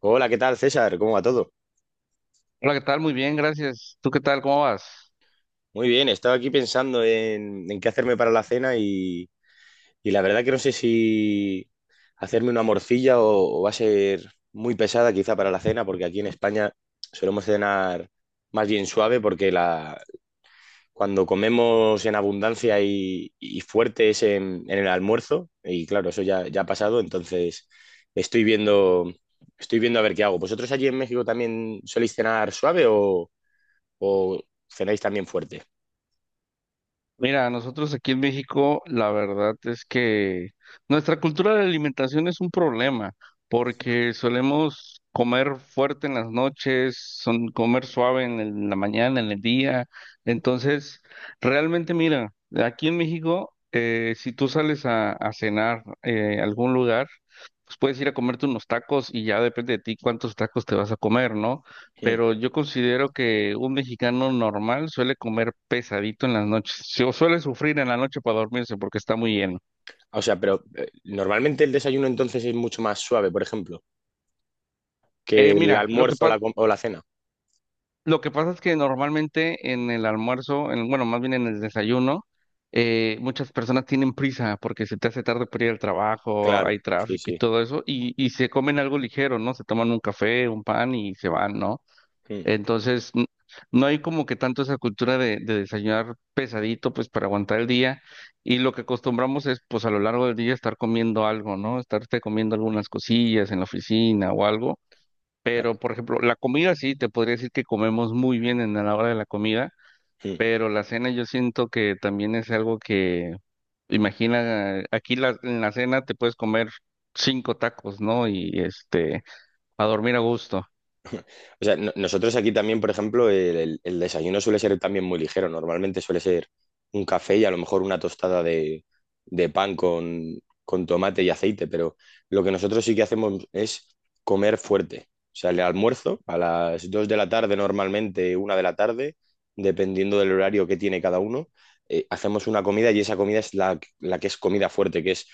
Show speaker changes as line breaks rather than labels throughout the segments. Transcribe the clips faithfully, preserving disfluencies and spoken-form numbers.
Hola, ¿qué tal, César? ¿Cómo va todo?
Hola, ¿qué tal? Muy bien, gracias. ¿Tú qué tal? ¿Cómo vas?
Muy bien, estaba aquí pensando en, en qué hacerme para la cena y, y la verdad que no sé si hacerme una morcilla o, o va a ser muy pesada quizá para la cena, porque aquí en España solemos cenar más bien suave porque la, cuando comemos en abundancia y, y fuerte es en, en el almuerzo y claro, eso ya, ya ha pasado, entonces estoy viendo, estoy viendo a ver qué hago. ¿Vosotros allí en México también soléis cenar suave o cenáis también fuerte?
Mira, nosotros aquí en México, la verdad es que nuestra cultura de alimentación es un problema, porque solemos comer fuerte en las noches, son comer suave en, el- en la mañana, en el día. Entonces, realmente, mira, aquí en México, eh, si tú sales a, a cenar eh, a algún lugar, pues puedes ir a comerte unos tacos y ya depende de ti cuántos tacos te vas a comer, ¿no?
Mm.
Pero yo considero que un mexicano normal suele comer pesadito en las noches, sí, suele sufrir en la noche para dormirse porque está muy lleno.
O sea, pero eh, normalmente el desayuno entonces es mucho más suave, por ejemplo, que
Eh,
el
mira, lo que
almuerzo o la,
pa-
com- o la cena.
lo que pasa es que normalmente en el almuerzo, en, bueno, más bien en el desayuno, eh, muchas personas tienen prisa porque se te hace tarde para ir al trabajo,
Claro,
hay
sí,
tráfico y
sí.
todo eso, y, y se comen algo ligero, ¿no? Se toman un café, un pan y se van, ¿no?
Mm.
Entonces, n- no hay como que tanto esa cultura de, de desayunar pesadito, pues para aguantar el día. Y lo que acostumbramos es, pues a lo largo del día estar comiendo algo, ¿no? Estarte comiendo algunas cosillas en la oficina o algo. Pero, por ejemplo, la comida sí, te podría decir que comemos muy bien en la hora de la comida,
Mm.
pero la cena yo siento que también es algo que, imagina, aquí la- en la cena te puedes comer cinco tacos, ¿no? Y este, a dormir a gusto.
O sea, no- nosotros aquí también, por ejemplo, el, el- el desayuno suele ser también muy ligero. Normalmente suele ser un café y a lo mejor una tostada de, de pan con, con tomate y aceite, pero lo que nosotros sí que hacemos es comer fuerte. O sea, el almuerzo a las dos de la tarde, normalmente una de la tarde, dependiendo del horario que tiene cada uno, eh, hacemos una comida y esa comida es la, la que es comida fuerte, que es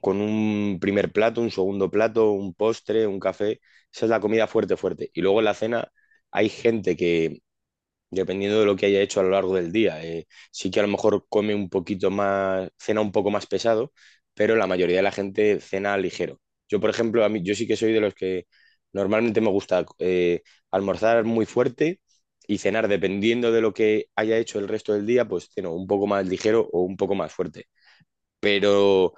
con un primer plato, un segundo plato, un postre, un café. Esa es la comida fuerte, fuerte. Y luego en la cena hay gente que, dependiendo de lo que haya hecho a lo largo del día, eh, sí que a lo mejor come un poquito más, cena un poco más pesado, pero la mayoría de la gente cena ligero. Yo, por ejemplo, a mí, yo sí que soy de los que normalmente me gusta eh, almorzar muy fuerte y cenar, dependiendo de lo que haya hecho el resto del día, pues ceno un poco más ligero o un poco más fuerte pero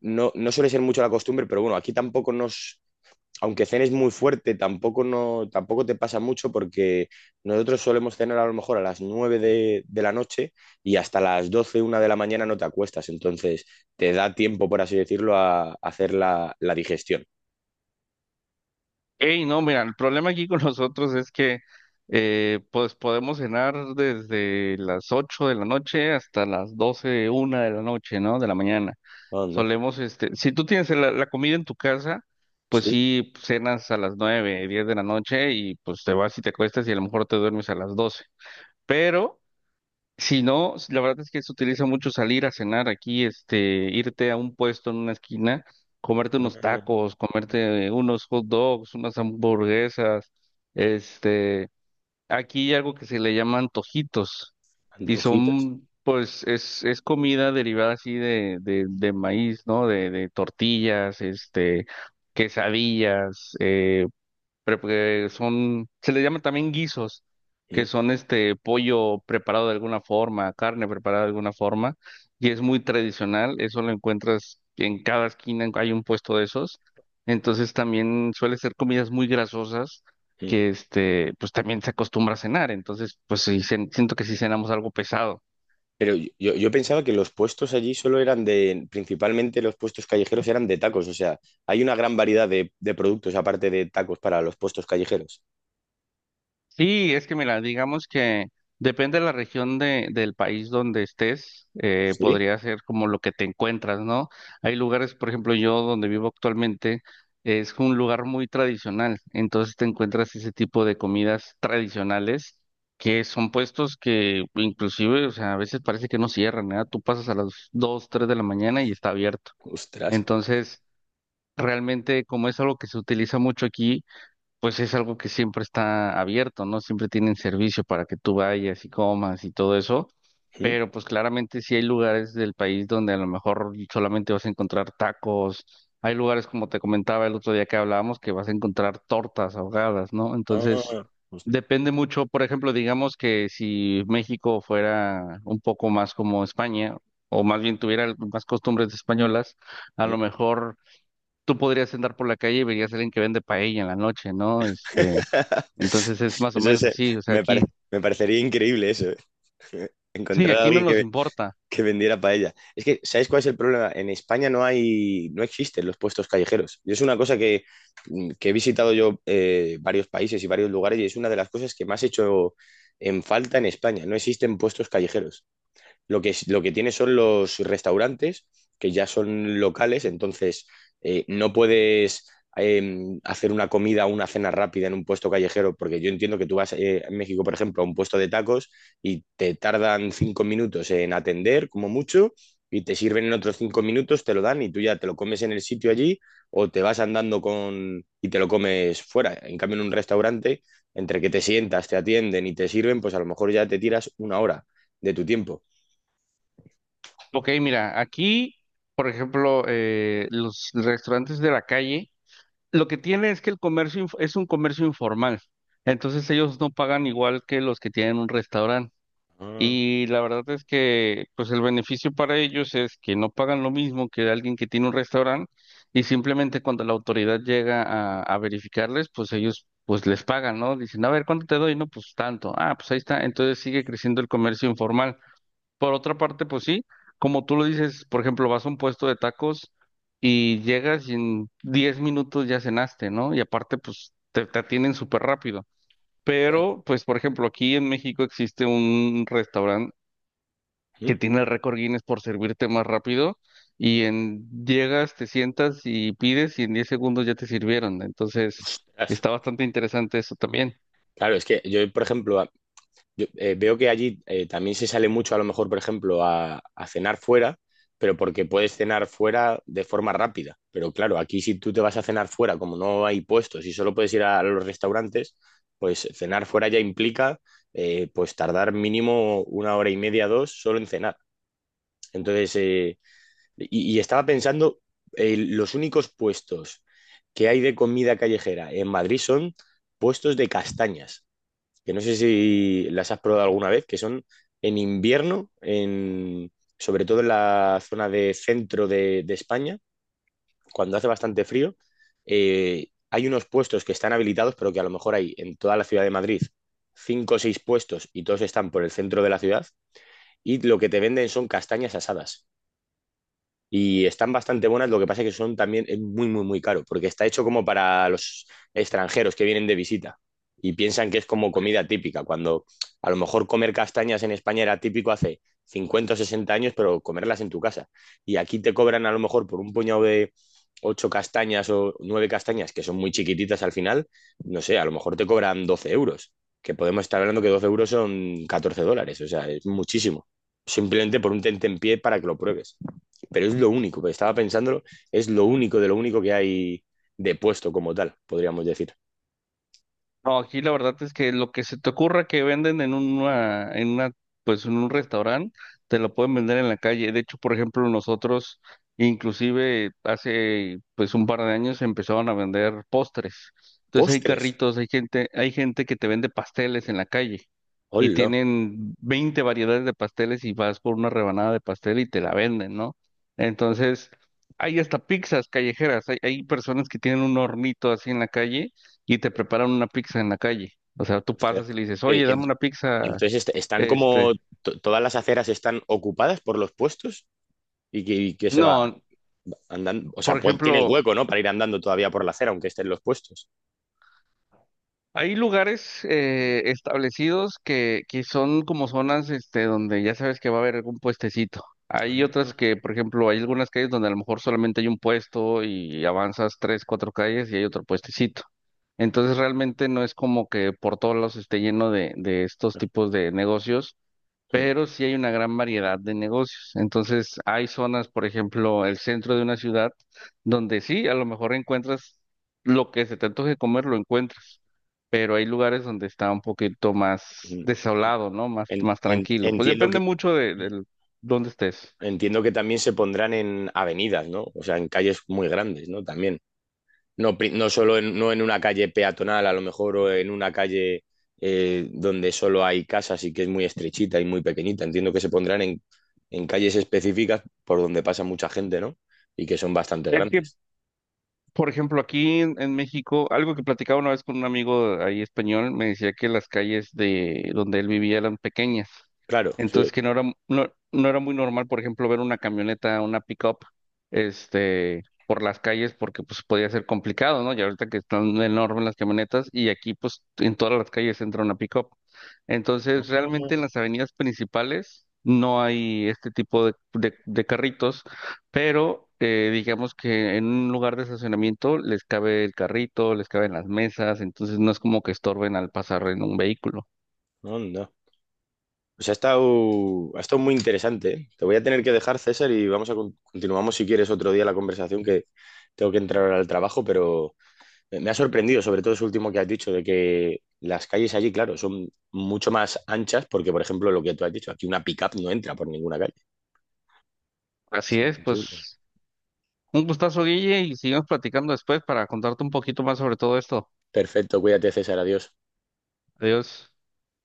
no, no suele ser mucho la costumbre, pero bueno, aquí tampoco nos, aunque cenes muy fuerte, tampoco, no, tampoco te pasa mucho porque nosotros solemos cenar a lo mejor a las nueve de, de la noche y hasta las doce una de la mañana no te acuestas, entonces te da tiempo, por así decirlo, a, a hacer la, la digestión.
Hey, no, mira, el problema aquí con nosotros es que eh, pues podemos cenar desde las ocho de la noche hasta las doce una de la noche, ¿no? De la mañana.
Anda.
Solemos, este, si tú tienes la, la comida en tu casa, pues
Sí.
sí, cenas a las nueve diez de la noche y pues te vas y te acuestas y a lo mejor te duermes a las doce. Pero si no, la verdad es que se utiliza mucho salir a cenar aquí, este, irte a un puesto en una esquina, comerte unos
Ah,
tacos, comerte unos hot dogs, unas hamburguesas, este, aquí hay algo que se le llama antojitos, y
antojitas.
son, pues, es, es comida derivada así de, de, de maíz, ¿no? De, de tortillas, este, quesadillas, eh, pre- que son, se le llaman también guisos, que
Mm,
son este pollo preparado de alguna forma, carne preparada de alguna forma, y es muy tradicional, eso lo encuentras en cada esquina, hay un puesto de esos, entonces también suele ser comidas muy grasosas
mm.
que este, pues también se acostumbra a cenar, entonces pues sí, cen- siento que sí cenamos algo pesado.
Pero yo, yo- yo pensaba que los puestos allí solo eran de, principalmente los puestos callejeros eran de tacos, o sea, hay una gran variedad de, de productos aparte de tacos para los puestos callejeros.
Sí, es que mira, digamos que depende de la región de, del país donde estés, eh,
¿Sí?
podría ser como lo que te encuentras, ¿no? Hay lugares, por ejemplo, yo donde vivo actualmente, es un lugar muy tradicional, entonces te encuentras ese tipo de comidas tradicionales que son puestos que inclusive, o sea, a veces parece que no cierran, ¿verdad? Tú pasas a las dos, tres de la mañana y está abierto.
Ostras.
Entonces, realmente como es algo que se utiliza mucho aquí, pues es algo que siempre está abierto, ¿no? Siempre tienen servicio para que tú vayas y comas y todo eso,
¿Mm?
pero pues claramente sí hay lugares del país donde a lo mejor solamente vas a encontrar tacos, hay lugares como te comentaba el otro día que hablábamos que vas a encontrar tortas ahogadas, ¿no? Entonces,
Ah, os-
depende mucho, por ejemplo, digamos que si México fuera un poco más como España, o más bien tuviera más costumbres españolas, a
¿Mm?
lo mejor tú podrías andar por la calle y verías a alguien que vende paella en la noche, ¿no? Este, entonces es más o
Eso es,
menos
eh,
así, o sea,
me pare-
aquí,
me parecería increíble eso, eh,
sí,
encontrar a
aquí no
alguien
nos
que
importa.
que vendiera paella. Es que, ¿sabéis cuál es el problema? En España no hay, no existen los puestos callejeros. Yo es una cosa que, mm, que he visitado yo eh, varios países y varios lugares y es una de las cosas que más he hecho en falta en España. No existen puestos callejeros. Lo que, es lo que tiene son los restaurantes, que ya son locales, entonces eh, no puedes eh, hacer una comida o una cena rápida en un puesto callejero, porque yo entiendo que tú vas eh, en México, por ejemplo, a un puesto de tacos y te tardan cinco minutos en atender, como mucho, y te sirven en otros cinco minutos, te lo dan y tú ya te lo comes en el sitio allí o te vas andando con y te lo comes fuera. En cambio, en un restaurante, entre que te sientas, te atienden y te sirven, pues a lo mejor ya te tiras una hora de tu tiempo.
Ok, mira, aquí, por ejemplo, eh, los restaurantes de la calle, lo que tiene es que el comercio inf- es un comercio informal, entonces ellos no pagan igual que los que tienen un restaurante.
Ah,
Y la verdad es que pues el beneficio para ellos es que no pagan lo mismo que alguien que tiene un restaurante y simplemente cuando la autoridad llega a, a verificarles, pues ellos pues les pagan, ¿no? Dicen, a ver, ¿cuánto te doy? No, pues tanto. Ah, pues ahí está. Entonces sigue creciendo el comercio informal. Por otra parte, pues sí, como tú lo dices, por ejemplo, vas a un puesto de tacos y llegas y en diez minutos ya cenaste, ¿no? Y aparte, pues te, te atienden súper rápido. Pero, pues, por ejemplo, aquí en México existe un restaurante
ujú.
que tiene el récord Guinness por servirte más rápido y en llegas, te sientas y pides y en diez segundos ya te sirvieron. Entonces,
Ostras.
está bastante interesante eso también.
Claro, es que yo, por ejemplo, a- yo, eh, veo que allí eh, también se sale mucho, a lo mejor, por ejemplo, a, a cenar fuera, pero porque puedes cenar fuera de forma rápida. Pero claro, aquí si tú te vas a cenar fuera, como no hay puestos y solo puedes ir a, los restaurantes, pues cenar fuera ya implica eh, pues tardar mínimo una hora y media, dos, solo en cenar. Entonces, eh, Y, y estaba pensando, eh, los únicos puestos que hay de comida callejera en Madrid son puestos de castañas, que no sé si las has probado alguna vez, que son en invierno, en, sobre todo en la zona de centro de, de España, cuando hace bastante frío, eh, hay unos puestos que están habilitados, pero que a lo mejor hay en toda la ciudad de Madrid cinco o seis puestos y todos están por el centro de la ciudad, y lo que te venden son castañas asadas. Y están bastante buenas, lo que pasa es que son también es muy, muy, muy caro, porque está hecho como para los extranjeros que vienen de visita y piensan que es como comida típica, cuando a lo mejor comer castañas en España era típico hace cincuenta o sesenta años, pero comerlas en tu casa. Y aquí te cobran a lo mejor por un puñado de ocho castañas o nueve castañas, que son muy chiquititas al final, no sé, a lo mejor te cobran doce euros, que podemos estar hablando que doce euros son catorce dólares, o sea, es muchísimo. Simplemente por un tentempié para que lo pruebes pero es lo único, que estaba pensándolo, es lo único de lo único que hay de puesto como tal, podríamos decir.
No, aquí la verdad es que lo que se te ocurra que venden en una, en una, pues en un restaurante, te lo pueden vender en la calle. De hecho, por ejemplo, nosotros, inclusive hace pues un par de años empezaron a vender postres. Entonces hay
Postres.
carritos, hay gente, hay gente que te vende pasteles en la calle y
Hola.
tienen veinte variedades de pasteles y vas por una rebanada de pastel y te la venden, ¿no? Entonces, hay hasta pizzas callejeras, hay, hay personas que tienen un hornito así en la calle y te preparan una pizza en la calle. O sea, tú
Postres.
pasas y le dices,
Pero,
oye,
y en-
dame una pizza,
entonces est- están como
este.
to- todas las aceras están ocupadas por los puestos y que, y que se va
No,
andando, o
por
sea, pues, tienes
ejemplo,
hueco, ¿no? Para ir andando todavía por la acera, aunque estén los puestos.
hay lugares eh, establecidos que, que son como zonas, este, donde ya sabes que va a haber algún puestecito. Hay otras que, por ejemplo, hay algunas calles donde a lo mejor solamente hay un puesto y avanzas tres, cuatro calles y hay otro puestecito. Entonces realmente no es como que por todos lados esté lleno de, de estos tipos de negocios,
Mm,
pero sí hay una gran variedad de negocios. Entonces, hay zonas, por ejemplo, el centro de una ciudad, donde sí, a lo mejor encuentras lo que se te antoje comer, lo encuentras, pero hay lugares donde está un poquito más
mm.
desolado, ¿no? Más,
en-
más
en-
tranquilo. Pues
entiendo que,
depende mucho de, de dónde estés.
entiendo que también se pondrán en avenidas, ¿no? O sea, en calles muy grandes, ¿no? También. No, pri- no solo en, no en una calle peatonal, a lo mejor, o en una calle eh, donde solo hay casas y que es muy estrechita y muy pequeñita. Entiendo que se pondrán en, en calles específicas por donde pasa mucha gente, ¿no? Y que son bastante
Es que.
grandes.
Por ejemplo, aquí en, en México, algo que platicaba una vez con un amigo ahí español, me decía que las calles de donde él vivía eran pequeñas.
Claro, sí.
Entonces que no era, no, no era muy normal, por ejemplo, ver una camioneta, una pick-up, este, por las calles, porque pues podía ser complicado, ¿no? Y ahorita que están enormes las camionetas, y aquí pues en todas las calles entra una pick-up.
Ah.
Entonces, realmente en las avenidas principales no hay este tipo de, de, de carritos, pero eh, digamos que en un lugar de estacionamiento les cabe el carrito, les caben las mesas, entonces no es como que estorben al pasar en un vehículo.
Anda. Pues ha estado, ha estado muy interesante, ¿eh? Te voy a tener que dejar, César, y vamos a con- continuamos si quieres otro día la conversación que tengo que entrar ahora al trabajo, pero, Me me ha sorprendido, sobre todo eso último que has dicho, de que las calles allí, claro, son mucho más anchas, porque, por ejemplo, lo que tú has dicho, aquí una pick-up no entra por ninguna calle. Es
Así es,
imposible.
pues un gustazo, Guille, y sigamos platicando después para contarte un poquito más sobre todo esto.
Perfecto, cuídate, César, adiós.
Adiós.